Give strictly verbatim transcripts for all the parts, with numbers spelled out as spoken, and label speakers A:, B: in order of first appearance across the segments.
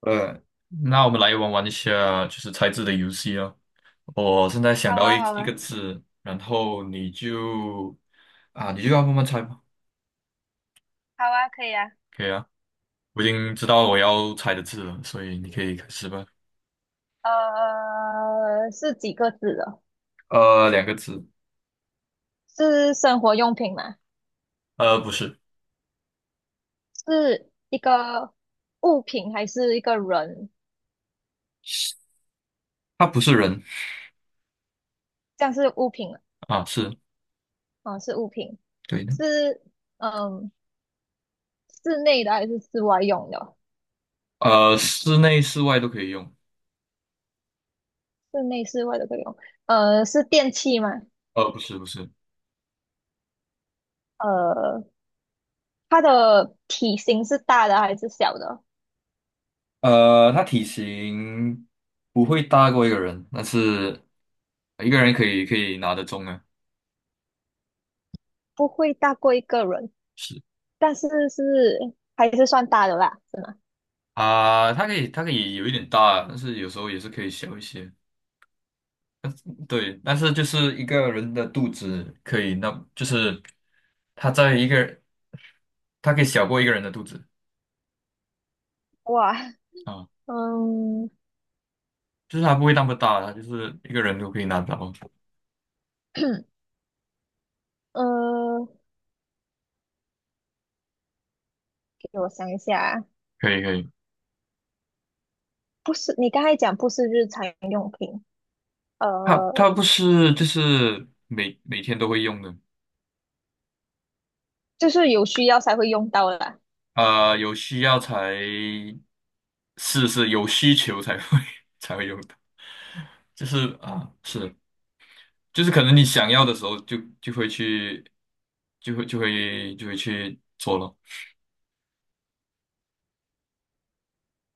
A: 呃，那我们来玩玩一下，就是猜字的游戏哦。我现在想
B: 好
A: 到
B: 啊，
A: 一
B: 好
A: 一个
B: 啊，
A: 字，然后你就啊，你就要慢慢猜吧。
B: 好啊，可以啊。
A: 可以啊，我已经知道我要猜的字了，所以你可以开始吧。
B: 呃，是几个字的？
A: 呃，两个字。
B: 是生活用品吗？
A: 呃，不是，
B: 是一个物品还是一个人？
A: 它不是人。
B: 像是物品了，
A: 啊，是，
B: 哦是物品。
A: 对的。
B: 是嗯，室内的还是室外用的哦？
A: 呃，室内室外都可以用。
B: 室内、室外的以用。呃，是电器吗？
A: 呃，不是不是，
B: 呃，它的体型是大的还是小的？
A: 呃，它体型不会大过一个人，但是一个人可以可以拿得中啊。
B: 不会大过一个人，
A: 是。
B: 但是是还是算大的啦，是吗？
A: 啊，它可以，它可以有一点大，但是有时候也是可以小一些。对，但是就是一个人的肚子可以，那就是它在一个，它可以小过一个人的肚子
B: 哇，
A: 啊，
B: 嗯。
A: 就是它不会那么大，它就是一个人都可以拿到。
B: 呃，给我想一下，
A: 可以可以，
B: 不是，你刚才讲不是日常用品，
A: 它
B: 呃，
A: 它不是就是每每天都会用的。
B: 就是有需要才会用到啦。
A: 呃，有需要才，是是有需求才会 才会用的，就是啊，是。就是可能你想要的时候就就会去，就会就会就会去做了。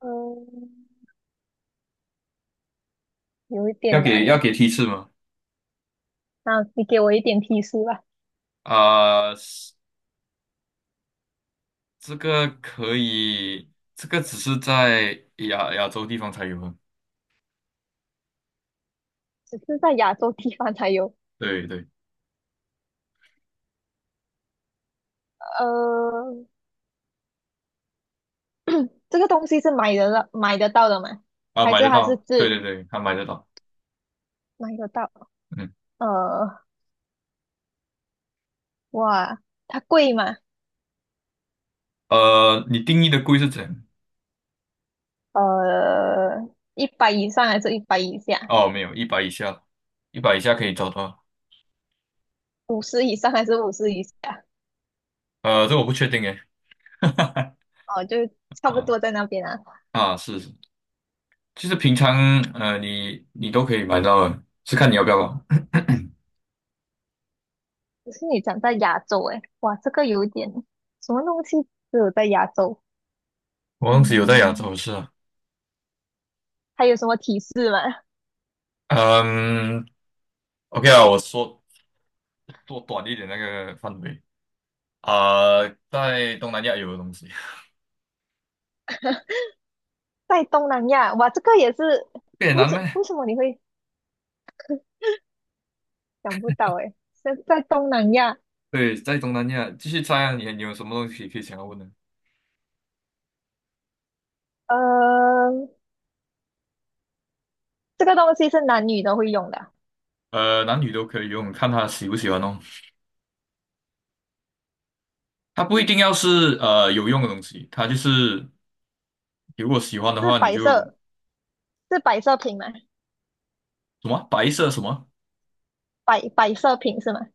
B: 嗯，有一
A: 要
B: 点难
A: 给要
B: 诶，
A: 给提示吗？
B: 那你给我一点提示吧，
A: 啊、是，这个可以，这个只是在亚亚洲地方才有啊。
B: 只是在亚洲地方才有。
A: 对对。
B: 呃，这个东西是买得到买得到的吗？
A: 啊，
B: 还
A: 买
B: 是
A: 得
B: 它是
A: 到，对
B: 自
A: 对对，他买得到。
B: 买得到？
A: 嗯。
B: 呃，哇，它贵吗？
A: 呃，你定义的贵是怎样？
B: 呃，一百以上还是一百以下？
A: 哦，没有，一百以下，一百以下可以找到。
B: 五十以上还是五十以下？
A: 呃，这我不确定诶。
B: 哦，就差不
A: 啊，
B: 多在那边啊。
A: 啊，是是，就是平常，呃，你你都可以买到的，是看你要不要吧。
B: 可是你长在亚洲诶，哇，这个有点什么东西只有在亚洲？
A: 我王子有在亚
B: 嗯，
A: 洲是啊。
B: 还有什么提示吗？
A: 嗯，OK 啊，我说做短一点那个范围啊，在东南亚有的东西。
B: 在东南亚，哇，这个也是，
A: 越
B: 为
A: 南咩？
B: 什为什么你会想不到诶？在在东南亚，
A: 对，在东南亚继续猜啊，你你有什么东西可以想要问的？
B: 呃，这个东西是男女都会用的啊，
A: 呃，男女都可以用，看他喜不喜欢哦。他不一定要是呃有用的东西，他就是如果喜欢的
B: 是
A: 话，你
B: 摆
A: 就
B: 设，是摆设品吗？
A: 什么白色什么，
B: 摆摆设品是吗？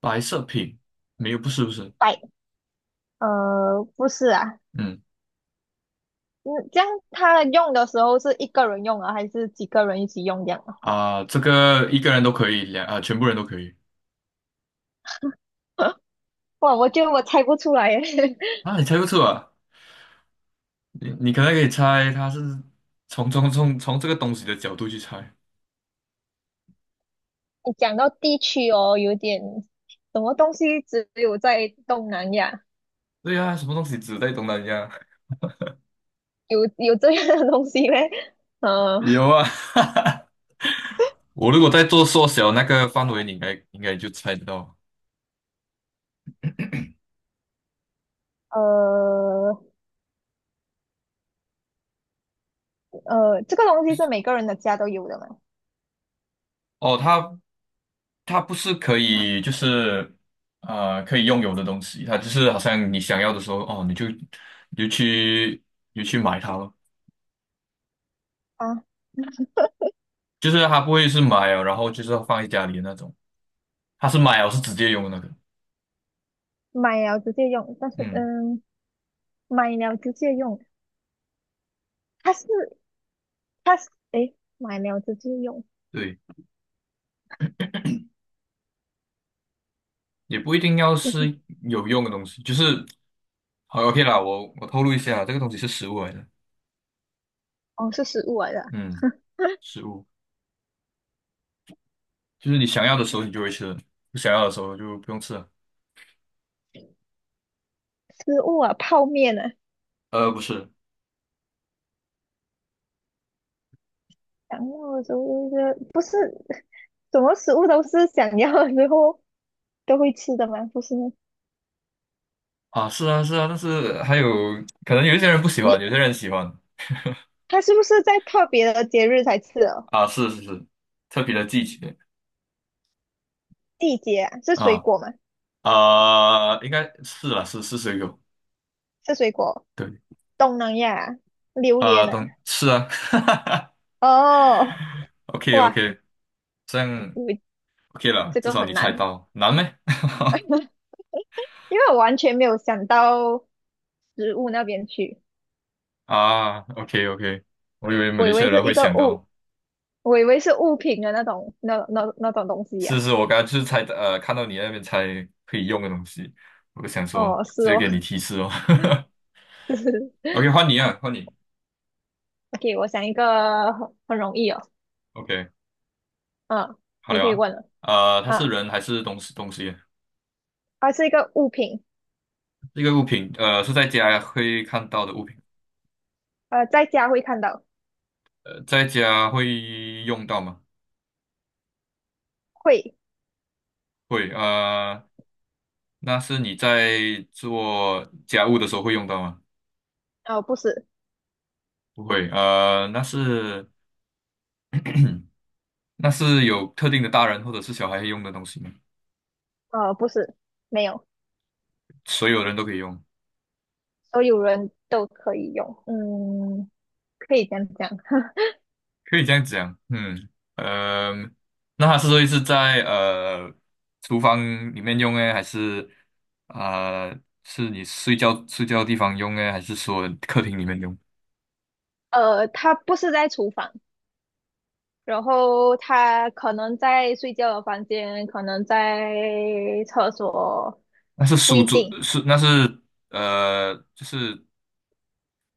A: 白色品，没有，不是不是，
B: 摆，呃，不是啊，
A: 嗯，
B: 嗯，这样他用的时候是一个人用啊，还是几个人一起用这样啊？
A: 啊、这个一个人都可以，两啊、全部人都可以。
B: 哇，我觉得我猜不出来耶。
A: 啊，你猜不出啊？你你可能可以猜他是从，从从从这个东西的角度去猜。
B: 你讲到地区哦，有点什么东西只有在东南亚
A: 对呀、什么东西只在东南亚？
B: 有有这样的东西嘞？呃
A: 有啊，我如果在做缩小那个范围，你应该应该就猜得到。
B: 呃呃，这个东西是每个人的家都有的嘛？
A: 哦，它它不是可以就是，呃可以拥有的东西，它就是好像你想要的时候，哦，你就你就去，你就去买它咯。
B: 啊，
A: 就是它不会是买了，然后就是放在家里的那种，它是买了是直接用的那个。
B: 买了直接用，但是
A: 嗯，
B: 嗯，买了直接用，它是它是诶，哎买了直接用，
A: 对。也不一定要
B: 就是
A: 是有用的东西，就是好， OK 啦，我我透露一下，这个东西是食物来的。
B: 哦是食物来的啊，
A: 嗯，食物，就是你想要的时候你就会吃，不想要的时候就不用吃了。
B: 食物啊，泡面啊，
A: 呃，不是
B: 想要的时候就是不是什么食物都是想要的后都会吃的吗？不是吗
A: 啊，是啊是啊，但是还有可能有一些人不喜欢，有
B: 有
A: 些人喜欢。
B: 它是不是在特别的节日才吃哦？
A: 啊，是是是，特别的季节。
B: 季节啊，是水
A: 啊
B: 果吗？
A: 啊、应该是啦，是，是水果，
B: 是水果，
A: 对。
B: 东南亚啊榴
A: 啊，
B: 莲啊。
A: 等是啊。
B: 哦，
A: ，OK
B: 哇，
A: OK,这样
B: 你
A: OK 了，
B: 这
A: 至
B: 个
A: 少
B: 很
A: 你猜
B: 难，
A: 到，难咩？
B: 因为我完全没有想到食物那边去，
A: 啊，OK OK,我以为马
B: 我
A: 来
B: 以
A: 西
B: 为
A: 亚人
B: 是一
A: 会
B: 个
A: 想
B: 物，
A: 到。
B: 我以为是物品的那种那那那种东西
A: 是
B: 呀、
A: 是，我刚刚就是猜，呃看到你那边猜可以用的东西，我就想说
B: 哦，是
A: 直接
B: 哦，
A: 给你提示哦。
B: 就是
A: OK,换你啊，换你。
B: OK，我想一个很很容易哦，
A: OK,
B: 嗯，
A: 好
B: 你
A: 了
B: 可以问了
A: 啊。呃，它是
B: 啊，
A: 人还是东西东西？
B: 它是一个物品，
A: 这个物品，呃，是在家会看到的物品。
B: 呃，在家会看到，
A: 呃，在家会用到吗？
B: 会，
A: 会。呃，那是你在做家务的时候会用到吗？
B: 哦，不是。
A: 不会。呃，那是，那是有特定的大人或者是小孩用的东西吗？
B: 呃，不是，没有，
A: 所有人都可以用，
B: 所有人都可以用。嗯，可以这样讲。
A: 可以这样讲。嗯，呃，那它是会是在，呃厨房里面用呢，还是啊、呃是你睡觉睡觉的地方用呢，还是说客厅里面用？
B: 呃，它不是在厨房，然后它可能在睡觉的房间，可能在厕所，
A: 那是
B: 不
A: 书
B: 一
A: 桌，
B: 定。
A: 是那是呃就是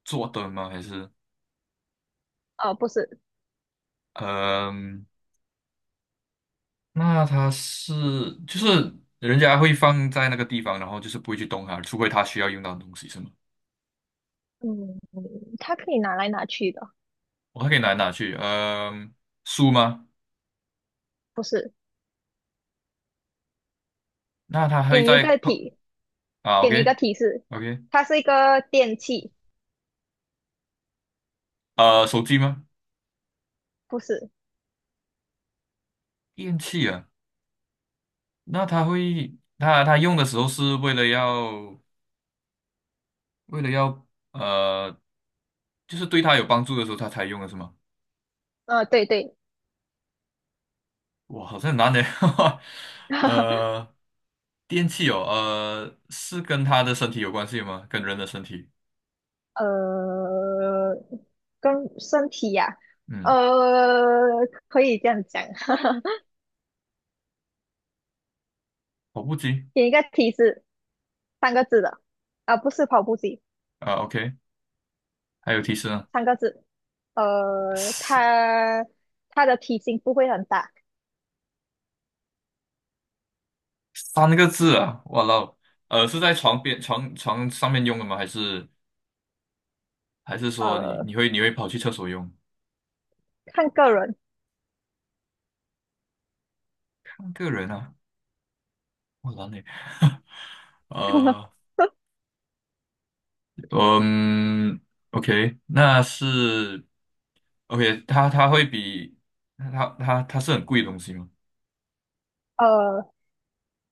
A: 坐的吗？还是
B: 呃，不是，
A: 嗯，那它是就是人家会放在那个地方，然后就是不会去动它，除非它需要用到的东西是吗？
B: 嗯，它可以拿来拿去的，
A: 我还可以拿来拿去，嗯、书吗？
B: 不是。
A: 那他
B: 给
A: 会
B: 你一
A: 在，
B: 个提，
A: 啊
B: 给你一个
A: ，OK
B: 提示，
A: OK。
B: 它是一个电器，
A: 呃，手机吗？
B: 不是。
A: 电器啊，那他会，他他用的时候是为了要，为了要，呃，就是对他有帮助的时候他才用的是吗？
B: 呃，对对，
A: 哇，好像很难的，呃，电器哦，呃，是跟他的身体有关系吗？跟人的身体？
B: 呃，跟身体呀、
A: 嗯，
B: 呃，可以这样讲，
A: 跑步机。
B: 给你一个提示，三个字的，啊、不是跑步机，
A: 啊，OK,还有提示呢，
B: 三个字，呃，
A: 三
B: 它它的体型不会很大，
A: 三个字啊，哇啦哦。呃，是在床边，床床上面用的吗？还是？还是说你
B: 呃，
A: 你会，你会跑去厕所用？
B: 看个人，
A: 个人啊，我懒嘞。呃，嗯，OK,那是 OK,它它会比，它它它是很贵的东西吗？
B: 呃，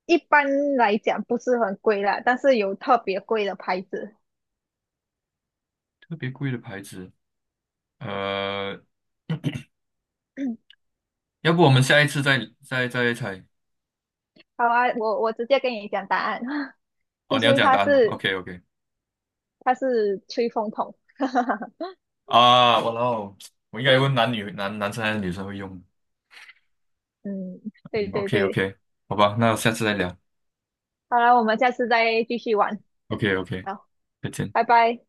B: 一般来讲不是很贵啦，但是有特别贵的牌子。
A: 特别贵的牌子，呃，要不我们下一次再再再猜？
B: 好啊，我我直接跟你讲答案，
A: 哦，
B: 就
A: 你要
B: 是
A: 讲
B: 它
A: 答案吗
B: 是
A: ？OK OK。
B: 它是吹风筒。
A: 啊，我哦，我应该问男女，男男生还是女生会用
B: 嗯，对对
A: ？OK
B: 对，
A: OK,好吧，那下次再聊。
B: 好了，我们下次再继续玩，
A: OK OK,
B: 好，
A: 再见。
B: 拜拜。